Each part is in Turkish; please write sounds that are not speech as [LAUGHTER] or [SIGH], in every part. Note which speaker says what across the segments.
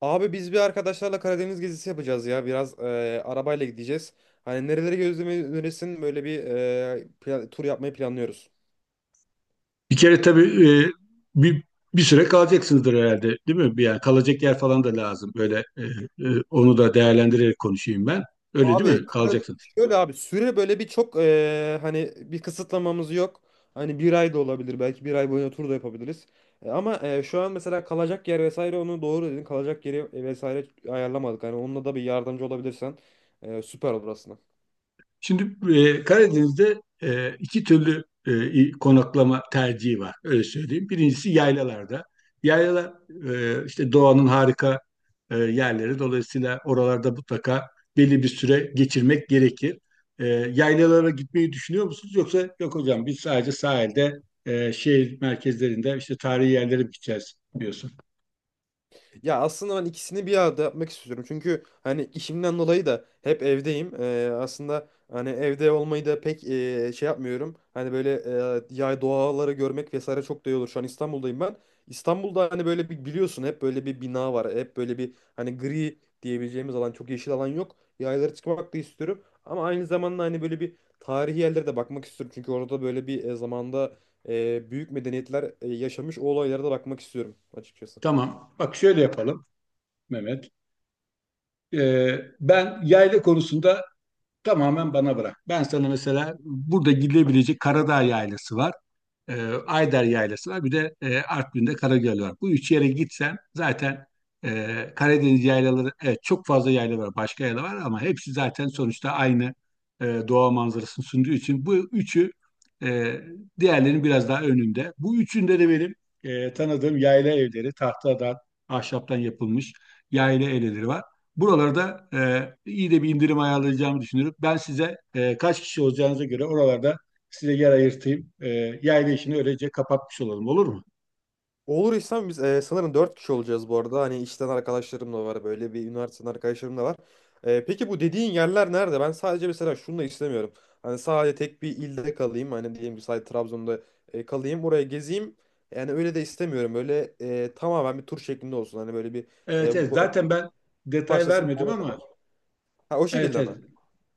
Speaker 1: Abi biz bir arkadaşlarla Karadeniz gezisi yapacağız ya. Biraz arabayla gideceğiz. Hani nereleri gözlemeyi önerirsin, böyle bir tur yapmayı planlıyoruz.
Speaker 2: Bir kere tabii bir, bir süre kalacaksınızdır herhalde, değil mi? Yani kalacak yer falan da lazım. Böyle onu da değerlendirerek konuşayım ben. Öyle değil
Speaker 1: Abi
Speaker 2: mi?
Speaker 1: Kara-
Speaker 2: Kalacaksın.
Speaker 1: Şöyle abi, süre böyle bir çok hani bir kısıtlamamız yok. Hani bir ay da olabilir, belki bir ay boyunca tur da yapabiliriz. Ama şu an mesela kalacak yer vesaire, onu doğru dedin. Kalacak yeri vesaire ayarlamadık. Hani onunla da bir yardımcı olabilirsen süper olur aslında.
Speaker 2: Şimdi Karadeniz'de iki türlü konaklama tercihi var. Öyle söyleyeyim. Birincisi yaylalarda. Yaylalar işte doğanın harika yerleri. Dolayısıyla oralarda mutlaka belli bir süre geçirmek gerekir. E, Yaylalara gitmeyi düşünüyor musunuz? Yoksa yok hocam biz sadece sahilde şehir merkezlerinde işte tarihi yerlere gideceğiz diyorsun.
Speaker 1: Ya aslında ben ikisini bir arada yapmak istiyorum. Çünkü hani işimden dolayı da hep evdeyim. Aslında hani evde olmayı da pek şey yapmıyorum. Hani böyle yay doğaları görmek vesaire çok da iyi olur. Şu an İstanbul'dayım ben. İstanbul'da hani böyle bir biliyorsun, hep böyle bir bina var. Hep böyle bir hani gri diyebileceğimiz alan, çok yeşil alan yok. Yaylara çıkmak da istiyorum. Ama aynı zamanda hani böyle bir tarihi yerlere de bakmak istiyorum. Çünkü orada böyle bir zamanda büyük medeniyetler yaşamış, o olaylara da bakmak istiyorum açıkçası.
Speaker 2: Tamam. Bak şöyle yapalım Mehmet. E, Ben yayla konusunda tamamen bana bırak. Ben sana mesela burada gidebilecek Karadağ Yaylası var. e, Ayder Yaylası var. Bir de Artvin'de Karagöl var. Bu üç yere gitsen zaten Karadeniz yaylaları, evet, çok fazla yayla var. Başka yayla var ama hepsi zaten sonuçta aynı doğa manzarasını sunduğu için bu üçü e, diğerlerinin biraz daha önünde. Bu üçünde de benim tanıdığım yayla evleri, tahtadan, ahşaptan yapılmış yayla evleri var. Buralarda iyi de bir indirim ayarlayacağımı düşünüyorum. Ben size kaç kişi olacağınıza göre oralarda size yer ayırtayım. Yayla işini öylece kapatmış olalım, olur mu?
Speaker 1: Olur İslam, biz sanırım 4 kişi olacağız bu arada. Hani işten arkadaşlarım da var, böyle bir üniversiteden arkadaşlarım da var. Peki bu dediğin yerler nerede? Ben sadece mesela şunu da istemiyorum. Hani sadece tek bir ilde kalayım. Hani diyelim ki sadece Trabzon'da kalayım. Oraya gezeyim. Yani öyle de istemiyorum. Böyle tamamen bir tur şeklinde olsun. Hani böyle bir
Speaker 2: Evet,
Speaker 1: e,
Speaker 2: evet,
Speaker 1: bu-
Speaker 2: zaten ben detay
Speaker 1: başlasın.
Speaker 2: vermedim ama
Speaker 1: Ha, o
Speaker 2: evet,
Speaker 1: şekilde mi?
Speaker 2: evet.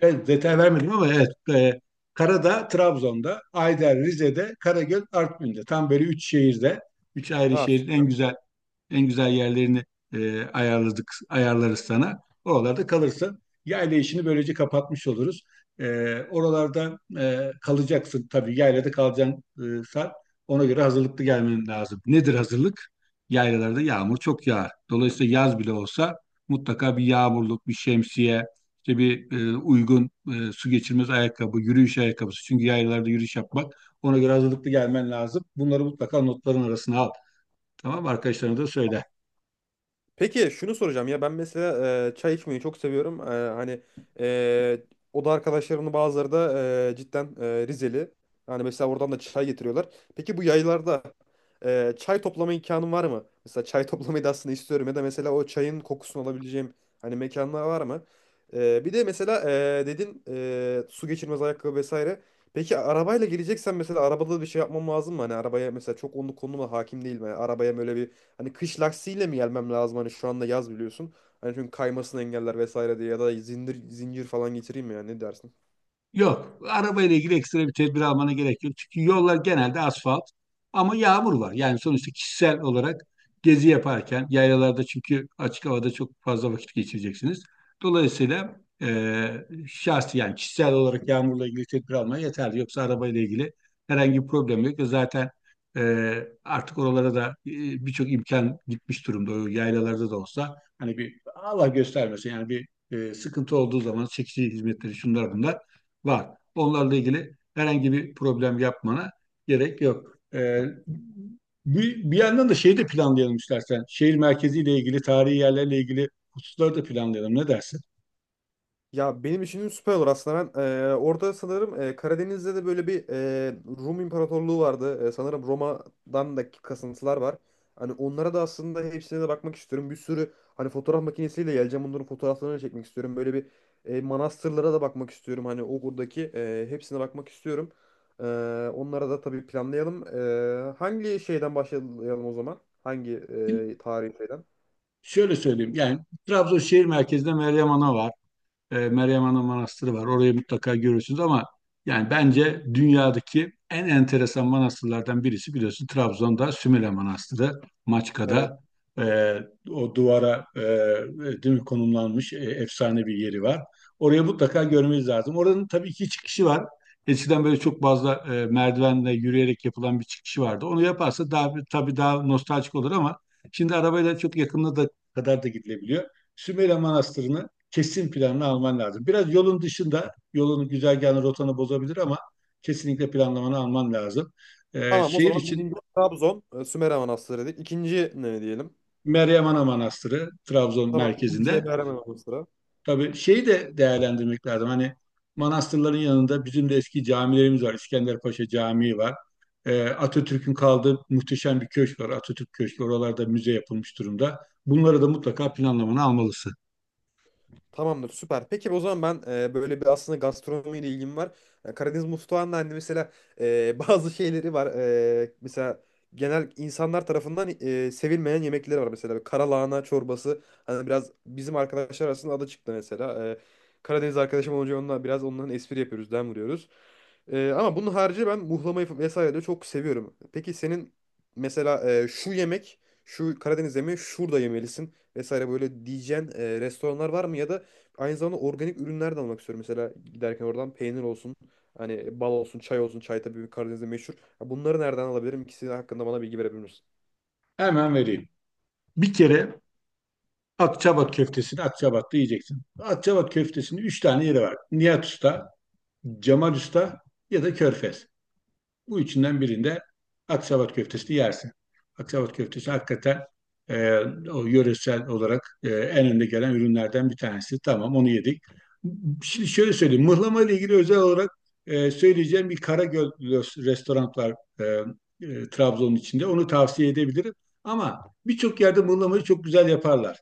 Speaker 2: Evet, detay vermedim ama evet. e, Karada, Trabzon'da, Ayder, Rize'de, Karagöl, Artvin'de. Tam böyle üç şehirde, üç ayrı
Speaker 1: Ha.
Speaker 2: şehrin en güzel, yerlerini ayarladık, ayarlarız sana. Oralarda kalırsın. Yayla işini böylece kapatmış oluruz. Oralarda kalacaksın tabii. Yaylada kalacaksın saat. Ona göre hazırlıklı gelmen lazım. Nedir hazırlık? Yaylalarda yağmur çok yağar. Dolayısıyla yaz bile olsa mutlaka bir yağmurluk, bir şemsiye, işte bir uygun su geçirmez ayakkabı, yürüyüş ayakkabısı. Çünkü yaylalarda yürüyüş yapmak, ona göre hazırlıklı gelmen lazım. Bunları mutlaka notların arasına al. Tamam, arkadaşlarına da söyle.
Speaker 1: Peki şunu soracağım ya, ben mesela çay içmeyi çok seviyorum. Hani e, oda arkadaşlarımın bazıları da cidden Rizeli. Yani mesela oradan da çay getiriyorlar. Peki bu yaylarda çay toplama imkanım var mı? Mesela çay [LAUGHS] toplamayı da aslında istiyorum, ya da mesela o çayın kokusunu alabileceğim hani mekanlar var mı? Bir de mesela dedin su geçirmez ayakkabı vesaire. Peki arabayla geleceksen mesela arabada da bir şey yapmam lazım mı? Hani arabaya mesela, çok onun konuma hakim değilim. Yani arabaya böyle bir hani kış lastiğiyle mi gelmem lazım? Hani şu anda yaz, biliyorsun. Hani çünkü kaymasını engeller vesaire diye, ya da zincir zincir falan getireyim mi ya, ne dersin?
Speaker 2: Yok, arabayla ilgili ekstra bir tedbir almana gerek yok. Çünkü yollar genelde asfalt ama yağmur var. Yani sonuçta kişisel olarak gezi yaparken yayalarda, çünkü açık havada çok fazla vakit geçireceksiniz. Dolayısıyla şahsi, yani kişisel olarak yağmurla ilgili tedbir almaya yeterli. Yoksa arabayla ilgili herhangi bir problem yok. Zaten artık oralara da birçok imkan gitmiş durumda. O yaylalarda da olsa, hani bir Allah göstermesin, yani bir sıkıntı olduğu zaman çekici hizmetleri, şunlar bunlar var. Onlarla ilgili herhangi bir problem yapmana gerek yok. Bir yandan da şeyi de planlayalım istersen. Şehir merkeziyle ilgili, tarihi yerlerle ilgili hususları da planlayalım. Ne dersin?
Speaker 1: Ya benim için süper olur aslında. Ben orada sanırım Karadeniz'de de böyle bir Rum İmparatorluğu vardı. Sanırım Roma'dan da kasıntılar var. Hani onlara da aslında hepsine de bakmak istiyorum. Bir sürü hani fotoğraf makinesiyle geleceğim. Bunların fotoğraflarını çekmek istiyorum. Böyle bir manastırlara da bakmak istiyorum. Hani o buradaki hepsine bakmak istiyorum. E, Onlara da tabii planlayalım. Hangi şeyden başlayalım o zaman? Hangi tarihi şeyden?
Speaker 2: Şöyle söyleyeyim. Yani Trabzon şehir merkezinde Meryem Ana var. Meryem Ana Manastırı var. Orayı mutlaka görürsünüz ama yani bence dünyadaki en enteresan manastırlardan birisi, biliyorsun, Trabzon'da Sümele Manastırı, Maçka'da e, o duvara, değil mi, konumlanmış efsane bir yeri var. Oraya mutlaka görmeniz lazım. Oranın tabii ki çıkışı var. Eskiden böyle çok fazla merdivenle yürüyerek yapılan bir çıkışı vardı. Onu yaparsa daha tabii daha nostaljik olur ama şimdi arabayla çok yakınına da kadar da gidilebiliyor. Sümele Manastırı'nı kesin planını alman lazım. Biraz yolun dışında, yolunu, güzergahını, rotanı bozabilir ama kesinlikle planlamanı alman lazım.
Speaker 1: Tamam, o
Speaker 2: Şehir
Speaker 1: zaman
Speaker 2: için
Speaker 1: birinci Trabzon, Sümer Amanastırı dedik. İkinci ne diyelim?
Speaker 2: Meryem Ana Manastırı Trabzon
Speaker 1: Tamam, ikinciye
Speaker 2: merkezinde.
Speaker 1: Meryem Manastırı.
Speaker 2: Tabii şeyi de değerlendirmek lazım. Hani manastırların yanında bizim de eski camilerimiz var. İskenderpaşa Camii var. Atatürk'ün kaldığı muhteşem bir köşk var, Atatürk Köşkü. Oralarda müze yapılmış durumda. Bunları da mutlaka planlamanı almalısın.
Speaker 1: Tamamdır, süper. Peki o zaman ben böyle bir aslında gastronomiyle ilgim var. Karadeniz mutfağında hani mesela [LAUGHS] bazı şeyleri var. Mesela genel insanlar tarafından sevilmeyen yemekleri var. Mesela karalahana çorbası. Hani biraz bizim arkadaşlar arasında adı çıktı mesela. Karadeniz arkadaşım olunca onunla biraz onların espri yapıyoruz, dem vuruyoruz. Ama bunun harici ben muhlamayı vesaire de çok seviyorum. Peki senin mesela şu yemek, şu Karadeniz yemeği şurada yemelisin vesaire böyle diyeceğin restoranlar var mı, ya da aynı zamanda organik ürünler de almak istiyorum. Mesela giderken oradan peynir olsun, hani bal olsun, çay olsun. Çay tabii Karadeniz'de meşhur. Ya bunları nereden alabilirim? İkisi hakkında bana bilgi verebilir misin?
Speaker 2: Hemen vereyim. Bir kere Akçabat köftesini Akçabat'ta yiyeceksin. Akçabat köftesinin üç tane yeri var: Nihat Usta, Cemal Usta ya da Körfez. Bu üçünden birinde Aksavat köftesini yersin. Aksavat köftesi hakikaten e, o yöresel olarak en önde gelen ürünlerden bir tanesi. Tamam, onu yedik. Şimdi şöyle söyleyeyim. Mıhlama ile ilgili özel olarak söyleyeceğim bir Karagöl restoran var, e, Trabzon'un içinde. Onu tavsiye edebilirim. Ama birçok yerde mıhlamayı çok güzel yaparlar.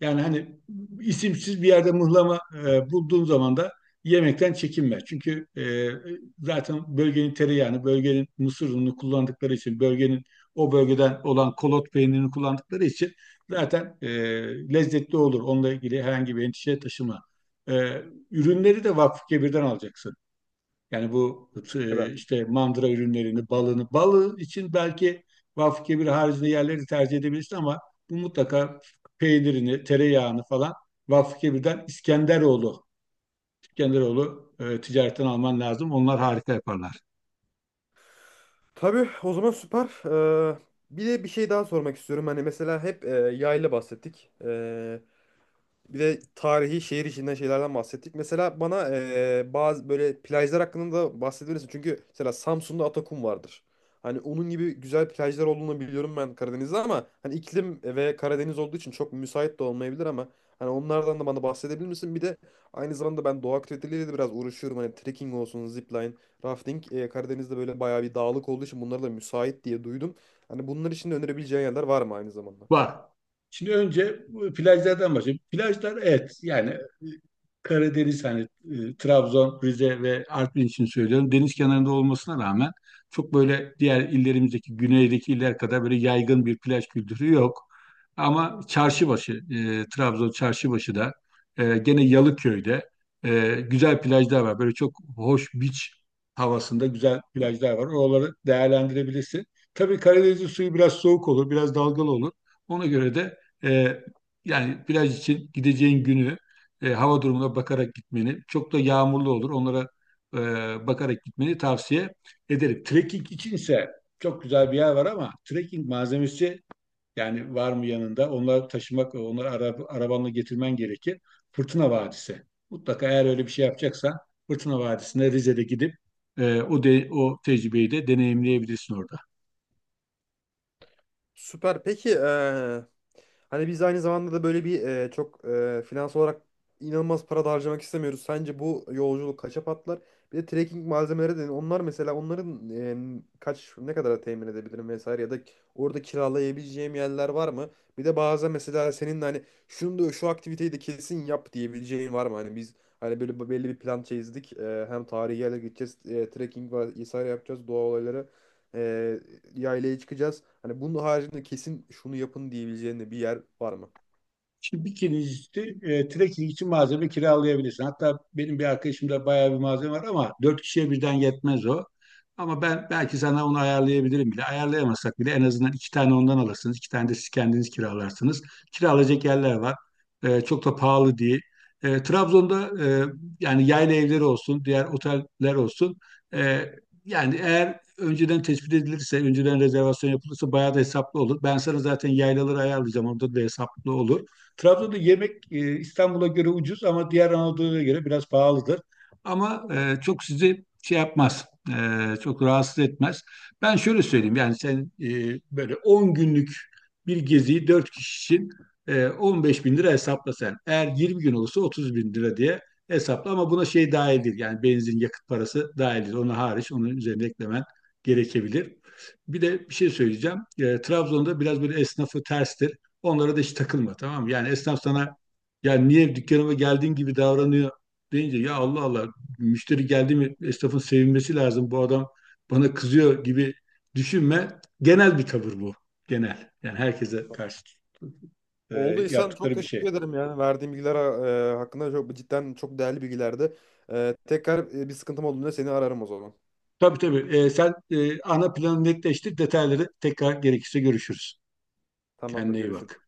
Speaker 2: Yani hani isimsiz bir yerde mıhlama bulduğum zaman da yemekten çekinme. Çünkü zaten bölgenin tereyağını, bölgenin mısır ununu kullandıkları için, bölgenin o bölgeden olan kolot peynirini kullandıkları için zaten lezzetli olur. Onunla ilgili herhangi bir endişe taşıma. E, Ürünleri de Vakfı alacaksın. Yani bu,
Speaker 1: Evet.
Speaker 2: işte mandıra ürünlerini, balını, balı için belki Vakfı haricinde yerleri tercih edebilirsin ama bu mutlaka peynirini, tereyağını falan Vakfı İskenderoğlu, Genderoğlu ticaretten alman lazım. Onlar harika yaparlar.
Speaker 1: Tabii o zaman süper. Ee, bir de bir şey daha sormak istiyorum. Hani mesela hep yayla bahsettik. Bir de tarihi şehir içinden şeylerden bahsettik. Mesela bana bazı böyle plajlar hakkında da bahsedebilirsin. Çünkü mesela Samsun'da Atakum vardır. Hani onun gibi güzel plajlar olduğunu biliyorum ben Karadeniz'de, ama hani iklim ve Karadeniz olduğu için çok müsait de olmayabilir, ama hani onlardan da bana bahsedebilir misin? Bir de aynı zamanda ben doğa aktiviteleriyle de biraz uğraşıyorum. Hani trekking olsun, zipline, rafting. Karadeniz'de böyle bayağı bir dağlık olduğu için bunlara da müsait diye duydum. Hani bunlar için de önerebileceğin yerler var mı aynı zamanda?
Speaker 2: Var. Şimdi önce bu plajlardan başlayayım. Plajlar, evet, yani Karadeniz, hani Trabzon, Rize ve Artvin için söylüyorum. Deniz kenarında olmasına rağmen çok böyle diğer illerimizdeki, güneydeki iller kadar böyle yaygın bir plaj kültürü yok. Ama Çarşıbaşı, Trabzon Çarşıbaşı'da, gene Yalıköy'de güzel plajlar var. Böyle çok hoş, beach havasında güzel plajlar var. Oraları değerlendirebilirsin. Tabii Karadeniz'in suyu biraz soğuk olur, biraz dalgalı olur. Ona göre de e, yani plaj için gideceğin günü hava durumuna bakarak gitmeni, çok da yağmurlu olur, onlara bakarak gitmeni tavsiye ederim. Trekking içinse çok güzel bir yer var ama trekking malzemesi, yani var mı yanında? Onları taşımak, onları arabanla getirmen gerekir. Fırtına Vadisi. Mutlaka eğer öyle bir şey yapacaksan, Fırtına Vadisi'ne Rize'de gidip o tecrübeyi de deneyimleyebilirsin orada.
Speaker 1: Süper. Peki hani biz aynı zamanda da böyle bir çok finans olarak inanılmaz para da harcamak istemiyoruz. Sence bu yolculuk kaça patlar? Bir de trekking malzemeleri de, onlar mesela onların kaç, ne kadar temin edebilirim vesaire, ya da orada kiralayabileceğim yerler var mı? Bir de bazen mesela senin de hani şunu da, şu aktiviteyi de kesin yap diyebileceğin var mı? Hani biz hani böyle belli bir plan çizdik. Hem tarihi yerlere gideceğiz, trekking vesaire yapacağız, doğa olayları. Ee, Yaylaya çıkacağız. Hani bunun haricinde kesin şunu yapın diyebileceğin de bir yer var mı?
Speaker 2: Şimdi kirincisi, trekking için malzeme kiralayabilirsin. Hatta benim bir arkadaşımda bayağı bir malzeme var ama dört kişiye birden yetmez o. Ama ben belki sana onu ayarlayabilirim bile. Ayarlayamazsak bile en azından iki tane ondan alırsınız. İki tane de siz kendiniz kiralarsınız. Kiralayacak yerler var. Çok da pahalı değil. Trabzon'da, yani yayla evleri olsun, diğer oteller olsun. E, Yani eğer önceden tespit edilirse, önceden rezervasyon yapılırsa bayağı da hesaplı olur. Ben sana zaten yaylaları ayarlayacağım. Orada da hesaplı olur. Trabzon'da yemek İstanbul'a göre ucuz ama diğer Anadolu'ya göre biraz pahalıdır. Ama çok sizi şey yapmaz, çok rahatsız etmez. Ben şöyle söyleyeyim, yani sen böyle 10 günlük bir geziyi 4 kişi için 15 bin lira hesapla sen. Eğer 20 gün olursa 30 bin lira diye hesapla ama buna şey dahil değil. Yani benzin, yakıt parası dahil değil. Ona hariç, onun üzerine eklemen gerekebilir. Bir de bir şey söyleyeceğim. Trabzon'da biraz böyle esnafı terstir. Onlara da hiç takılma, tamam mı? Yani esnaf sana, ya niye dükkanıma geldiğin gibi davranıyor deyince, ya Allah Allah, müşteri geldi mi esnafın sevinmesi lazım. Bu adam bana kızıyor gibi düşünme. Genel bir tavır bu. Genel. Yani herkese karşı e,
Speaker 1: Olduysan çok
Speaker 2: yaptıkları bir şey.
Speaker 1: teşekkür ederim yani. Verdiğim bilgiler hakkında çok cidden çok değerli bilgilerdi. Tekrar bir sıkıntım olduğunda seni ararım o zaman.
Speaker 2: Tabii, tabii. Sen ana planı netleştir. Detayları, tekrar gerekirse, görüşürüz.
Speaker 1: Tamamdır,
Speaker 2: Kendine iyi
Speaker 1: görüşürüz.
Speaker 2: bak.